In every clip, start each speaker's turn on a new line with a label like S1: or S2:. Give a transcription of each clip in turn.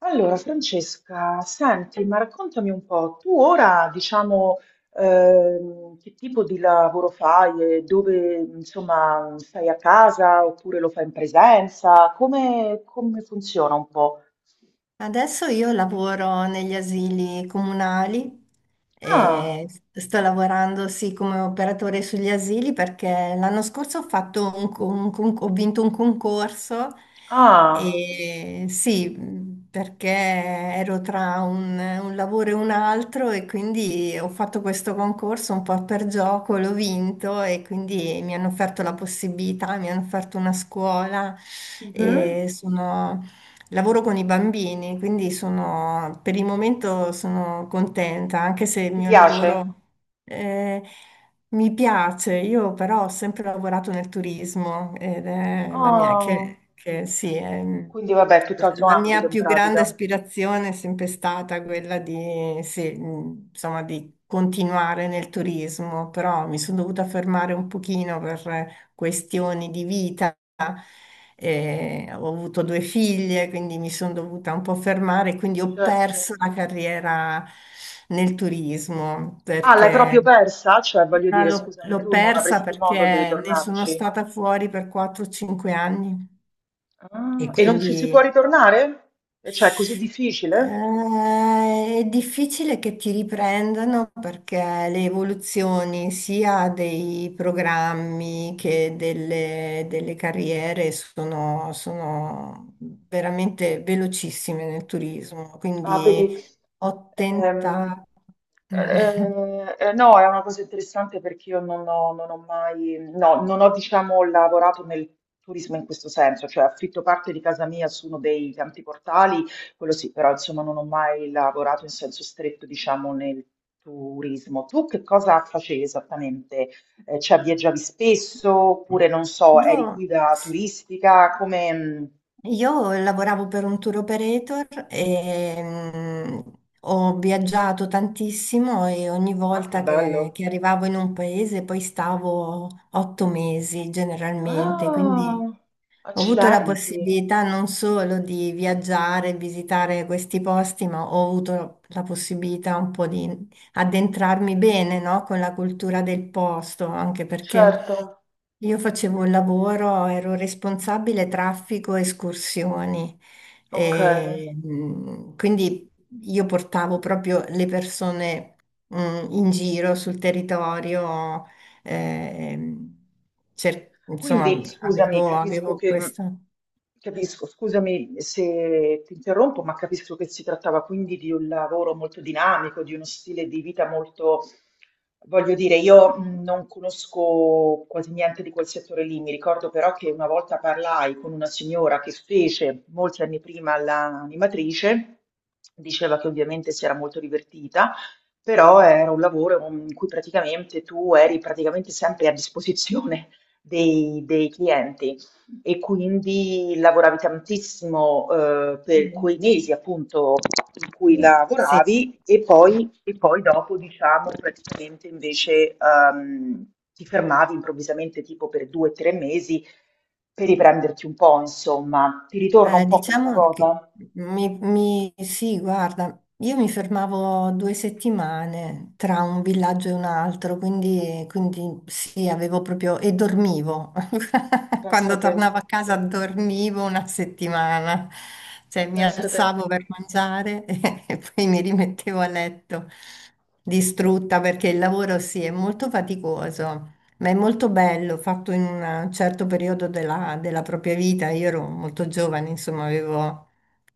S1: Allora Francesca, senti, ma raccontami un po', tu ora diciamo che tipo di lavoro fai e dove insomma stai a casa oppure lo fai in presenza? Come, come funziona un po'?
S2: Adesso io lavoro negli asili comunali
S1: Ah,
S2: e sto lavorando sì come operatore sugli asili perché l'anno scorso ho fatto ho vinto un concorso
S1: ah,
S2: e sì, perché ero tra un lavoro e un altro e quindi ho fatto questo concorso un po' per gioco, l'ho vinto e quindi mi hanno offerto la possibilità, mi hanno offerto una scuola,
S1: mhm.
S2: e sono lavoro con i bambini, quindi per il momento sono contenta, anche se il
S1: Ti
S2: mio
S1: piace?
S2: lavoro, eh, mi piace. Io però ho sempre lavorato nel turismo ed è la mia,
S1: Ah,
S2: che sì,
S1: quindi vabbè, tutt'altro
S2: la mia
S1: ambito in
S2: più grande
S1: pratica.
S2: aspirazione è sempre stata quella di, sì, insomma, di continuare nel turismo, però mi sono dovuta fermare un pochino per questioni di vita. Ho avuto due figlie, quindi mi sono dovuta un po' fermare, quindi ho
S1: Certo.
S2: perso la carriera nel turismo
S1: Ah, l'hai proprio
S2: perché
S1: persa? Cioè, voglio
S2: ma
S1: dire,
S2: l'ho
S1: scusami,
S2: l'ho
S1: tu non
S2: persa
S1: avresti modo di
S2: perché ne sono
S1: ritornarci?
S2: stata fuori per 4-5 anni. E
S1: Ah, e non
S2: quindi
S1: ci si può ritornare? E cioè, è così difficile?
S2: è difficile che ti riprendano perché le evoluzioni sia dei programmi che delle carriere sono veramente velocissime nel turismo.
S1: Ah,
S2: Quindi
S1: vedi,
S2: ho
S1: ehm,
S2: tentato.
S1: no, è una cosa interessante perché io non ho mai, no, non ho, diciamo, lavorato nel turismo in questo senso, cioè affitto parte di casa mia su uno dei tanti portali, quello sì, però insomma non ho mai lavorato in senso stretto, diciamo, nel turismo. Tu che cosa facevi esattamente? Cioè viaggiavi spesso oppure non so,
S2: Io
S1: eri guida turistica? Come...
S2: Io lavoravo per un tour operator e ho viaggiato tantissimo, e ogni
S1: Ah, che
S2: volta che,
S1: bello!
S2: che arrivavo in un paese poi stavo 8 mesi generalmente,
S1: Ah,
S2: quindi ho avuto la
S1: accidenti,
S2: possibilità non solo di viaggiare, visitare questi posti, ma ho avuto la possibilità un po' di addentrarmi bene, no, con la cultura del posto, anche perché.
S1: certo,
S2: Io facevo un lavoro, ero responsabile traffico e escursioni.
S1: ok.
S2: E, quindi io portavo proprio le persone in giro sul territorio, ehm, insomma,
S1: Quindi scusami,
S2: avevo,
S1: capisco
S2: avevo
S1: che
S2: questo.
S1: capisco, scusami se ti interrompo, ma capisco che si trattava quindi di un lavoro molto dinamico, di uno stile di vita molto, voglio dire, io non conosco quasi niente di quel settore lì. Mi ricordo però che una volta parlai con una signora che fece molti anni prima l'animatrice, diceva che ovviamente si era molto divertita però era un lavoro in cui praticamente tu eri praticamente sempre a disposizione dei clienti e quindi lavoravi tantissimo
S2: Sì.
S1: per quei mesi appunto in cui
S2: Sì.
S1: lavoravi e poi dopo diciamo praticamente invece ti fermavi improvvisamente tipo per due o tre mesi per riprenderti un po' insomma. Ti ritorna un po' questa
S2: Diciamo che,
S1: cosa?
S2: sì, guarda, io mi fermavo 2 settimane tra un villaggio e un altro, quindi, sì, avevo proprio. E dormivo. Quando
S1: Pensate,
S2: tornavo a
S1: pensate,
S2: casa dormivo una settimana, cioè mi
S1: pensate.
S2: alzavo per mangiare e poi mi rimettevo a letto distrutta perché il lavoro sì è molto faticoso. Ma è molto bello, fatto in un certo periodo della propria vita. Io ero molto giovane, insomma, avevo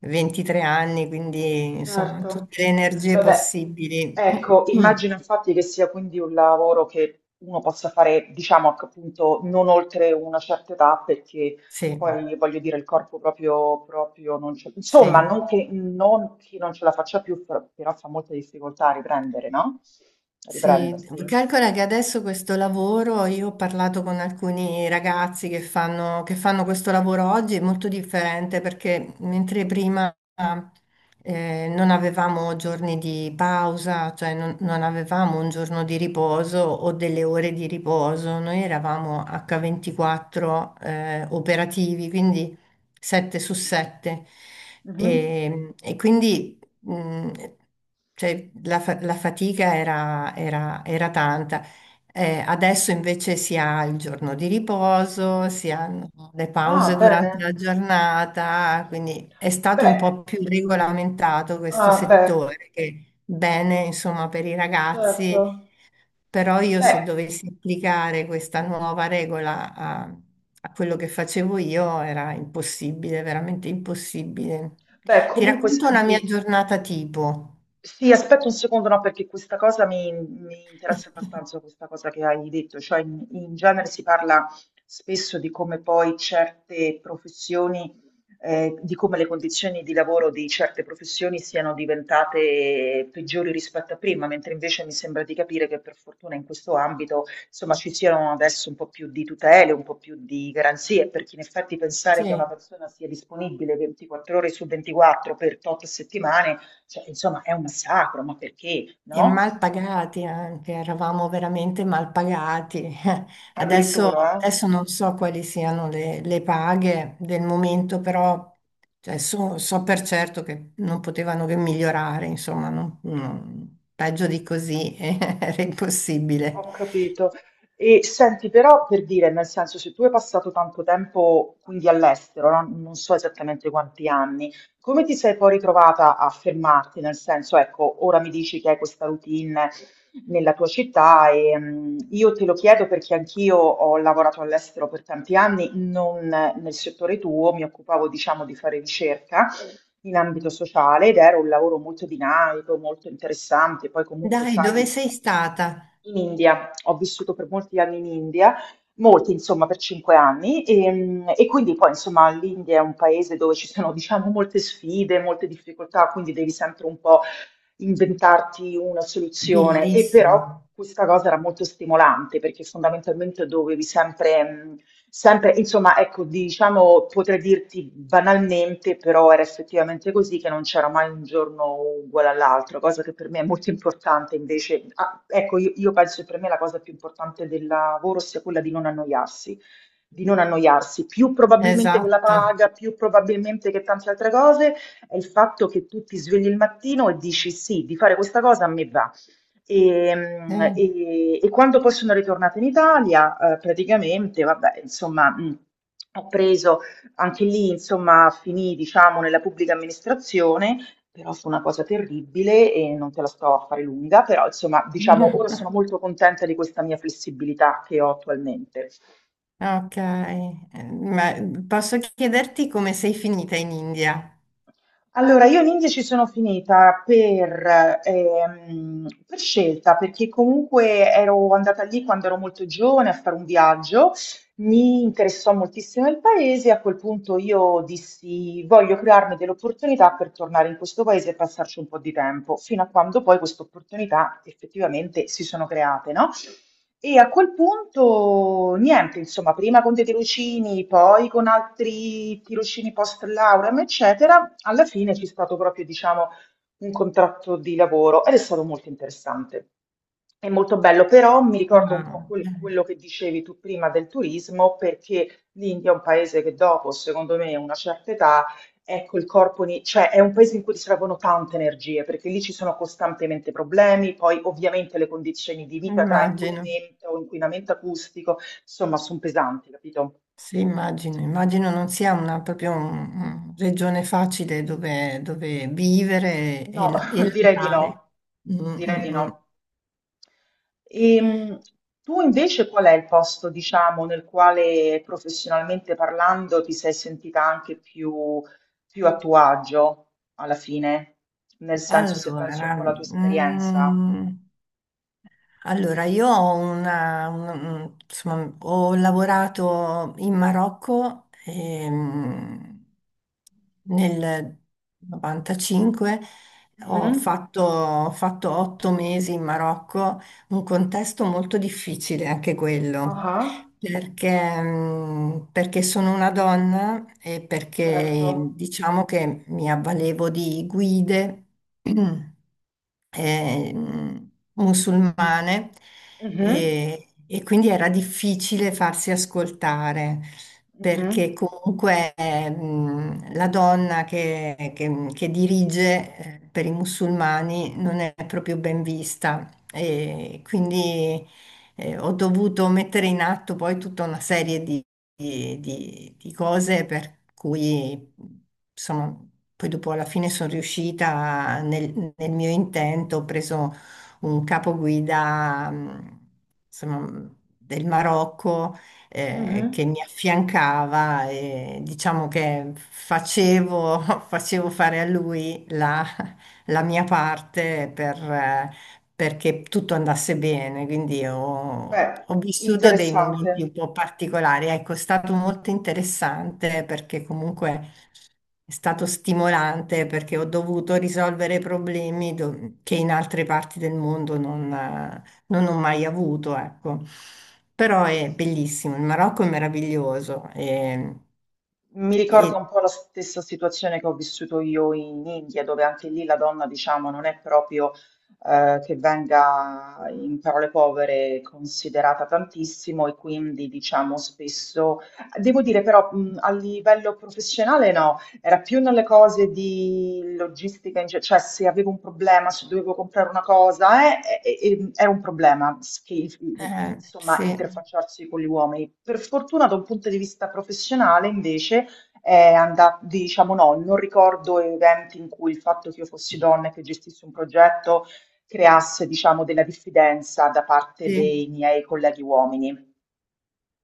S2: 23 anni, quindi insomma,
S1: Certo.
S2: tutte le energie
S1: Vabbè,
S2: possibili.
S1: ecco, immagino infatti che sia quindi un lavoro che uno possa fare, diciamo, che appunto, non oltre una certa età, perché
S2: Sì,
S1: poi, voglio dire, il corpo proprio, proprio non ce... Insomma,
S2: sì.
S1: non che non, chi non ce la faccia più, però fa molta difficoltà a riprendere, no? A
S2: Sì,
S1: riprendersi.
S2: calcola che adesso questo lavoro, io ho parlato con alcuni ragazzi che fanno questo lavoro oggi, è molto differente, perché mentre prima non avevamo giorni di pausa, cioè non avevamo un giorno di riposo o delle ore di riposo, noi eravamo H24, operativi, quindi 7 su 7.
S1: Mhm.
S2: E quindi, mm, cioè, la fatica era tanta. Adesso invece si ha il giorno di riposo, si hanno le
S1: Ah,
S2: pause durante
S1: bene.
S2: la giornata, quindi è stato un
S1: Beh,
S2: po' più regolamentato questo
S1: ah, beh,
S2: settore, che bene, insomma, per i
S1: certo.
S2: ragazzi. Però io, se
S1: Beh,
S2: dovessi applicare questa nuova regola a quello che facevo io, era impossibile, veramente impossibile.
S1: beh,
S2: Ti
S1: comunque
S2: racconto una mia
S1: senti,
S2: giornata tipo.
S1: sì, aspetta un secondo, no, perché questa cosa mi, mi interessa abbastanza, questa cosa che hai detto, cioè in genere si parla spesso di come poi certe professioni, di come le condizioni di lavoro di certe professioni siano diventate peggiori rispetto a prima, mentre invece mi sembra di capire che per fortuna in questo ambito, insomma, ci siano adesso un po' più di tutele, un po' più di garanzie, perché in effetti pensare che una
S2: Sì.
S1: persona sia disponibile 24 ore su 24 per tot settimane cioè, insomma, è un massacro, ma perché,
S2: E
S1: no?
S2: mal pagati anche, eravamo veramente mal pagati. Adesso, Mm.
S1: Addirittura, eh?
S2: adesso non so quali siano le paghe del momento, però cioè, so per certo che non potevano che migliorare, insomma, peggio di così era impossibile.
S1: Ho capito. E senti, però per dire, nel senso, se tu hai passato tanto tempo quindi all'estero, no? Non so esattamente quanti anni, come ti sei poi ritrovata a fermarti? Nel senso, ecco, ora mi dici che hai questa routine nella tua città e io te lo chiedo perché anch'io ho lavorato all'estero per tanti anni, non nel settore tuo, mi occupavo, diciamo, di fare ricerca in ambito sociale ed era un lavoro molto dinamico, molto interessante. Poi comunque,
S2: Dai,
S1: sai,
S2: dove sei stata?
S1: in India, ho vissuto per molti anni in India, molti insomma per 5 anni e, e quindi poi insomma l'India è un paese dove ci sono diciamo molte sfide, molte difficoltà, quindi devi sempre un po' inventarti una soluzione e
S2: Bellissimo.
S1: però questa cosa era molto stimolante perché fondamentalmente dovevi sempre, sempre, insomma, ecco, diciamo, potrei dirti banalmente, però era effettivamente così che non c'era mai un giorno uguale all'altro, cosa che per me è molto importante invece. Ah, ecco, io penso che per me la cosa più importante del lavoro sia quella di non annoiarsi. Di non annoiarsi più probabilmente che la
S2: Esatto.
S1: paga, più probabilmente che tante altre cose, è il fatto che tu ti svegli il mattino e dici sì, di fare questa cosa a me va. E,
S2: Sì.
S1: e quando poi sono ritornata in Italia, praticamente, vabbè, insomma, ho preso anche lì, insomma, finì, diciamo, nella pubblica amministrazione. Però fu una cosa terribile e non te la sto a fare lunga, però insomma, diciamo, ora sono molto contenta di questa mia flessibilità che ho attualmente.
S2: Ok, ma posso chiederti come sei finita in India?
S1: Allora, io l'India ci sono finita per scelta, perché comunque ero andata lì quando ero molto giovane a fare un viaggio, mi interessò moltissimo il paese, a quel punto io dissi voglio crearmi delle opportunità per tornare in questo paese e passarci un po' di tempo, fino a quando poi queste opportunità effettivamente si sono create, no? E a quel punto niente, insomma, prima con dei tirocini, poi con altri tirocini post lauream, eccetera, alla fine c'è stato proprio, diciamo, un contratto di lavoro ed è stato molto interessante. È molto bello, però mi ricordo un po'
S2: Ah,
S1: quel- quello che dicevi tu prima del turismo, perché l'India è un paese che dopo, secondo me, una certa età, ecco il corpo, ni- cioè è un paese in cui ti servono tante energie, perché lì ci sono costantemente problemi, poi ovviamente le condizioni di vita tra
S2: immagino,
S1: inquinamento, inquinamento acustico, insomma, sono pesanti, capito?
S2: sì, immagino non sia una, proprio una regione facile dove, dove vivere
S1: No,
S2: e
S1: direi di
S2: lavorare.
S1: no,
S2: Mm,
S1: direi di
S2: mm, mm.
S1: no. Ehm, Tu invece qual è il posto, diciamo, nel quale professionalmente parlando ti sei sentita anche più, più a tuo agio alla fine? Nel senso, se penso un
S2: Allora,
S1: po' alla tua esperienza.
S2: io ho insomma, ho lavorato in Marocco, nel 95, ho
S1: Mhm.
S2: fatto, ho fatto 8 mesi in Marocco, un contesto molto difficile anche quello.
S1: Ah,
S2: Perché sono una donna, e
S1: certo.
S2: perché diciamo che mi avvalevo di guide musulmane,
S1: Mhm,
S2: e quindi era difficile farsi ascoltare, perché
S1: mhm,
S2: comunque la donna che dirige, per i musulmani non è proprio ben vista. E quindi ho dovuto mettere in atto poi tutta una serie di, cose, per cui, insomma, poi dopo alla fine sono riuscita nel mio intento. Ho preso un capoguida, insomma, del Marocco,
S1: mhm.
S2: che mi affiancava, e diciamo che facevo, facevo fare a lui la mia parte, perché tutto andasse bene, quindi ho,
S1: Beh,
S2: ho vissuto dei momenti
S1: interessante.
S2: un po' particolari. Ecco, è stato molto interessante, perché comunque è stato stimolante, perché ho dovuto risolvere problemi che in altre parti del mondo non ho mai avuto, ecco. Però è bellissimo, il Marocco è meraviglioso,
S1: Mi ricorda
S2: e,
S1: un po' la stessa situazione che ho vissuto io in India, dove anche lì la donna, diciamo, non è proprio che venga in parole povere considerata tantissimo e quindi, diciamo, spesso, devo dire però, a livello professionale no, era più nelle cose di logistica, in ge- cioè se avevo un problema, se dovevo comprare una cosa, era un problema, s- che, insomma,
S2: sì,
S1: interfacciarsi con gli uomini. Per fortuna, da un punto di vista professionale, invece, è andato, diciamo no, non ricordo eventi in cui il fatto che io fossi donna e che gestissi un progetto creasse, diciamo, della diffidenza da parte
S2: sì.
S1: dei miei colleghi uomini.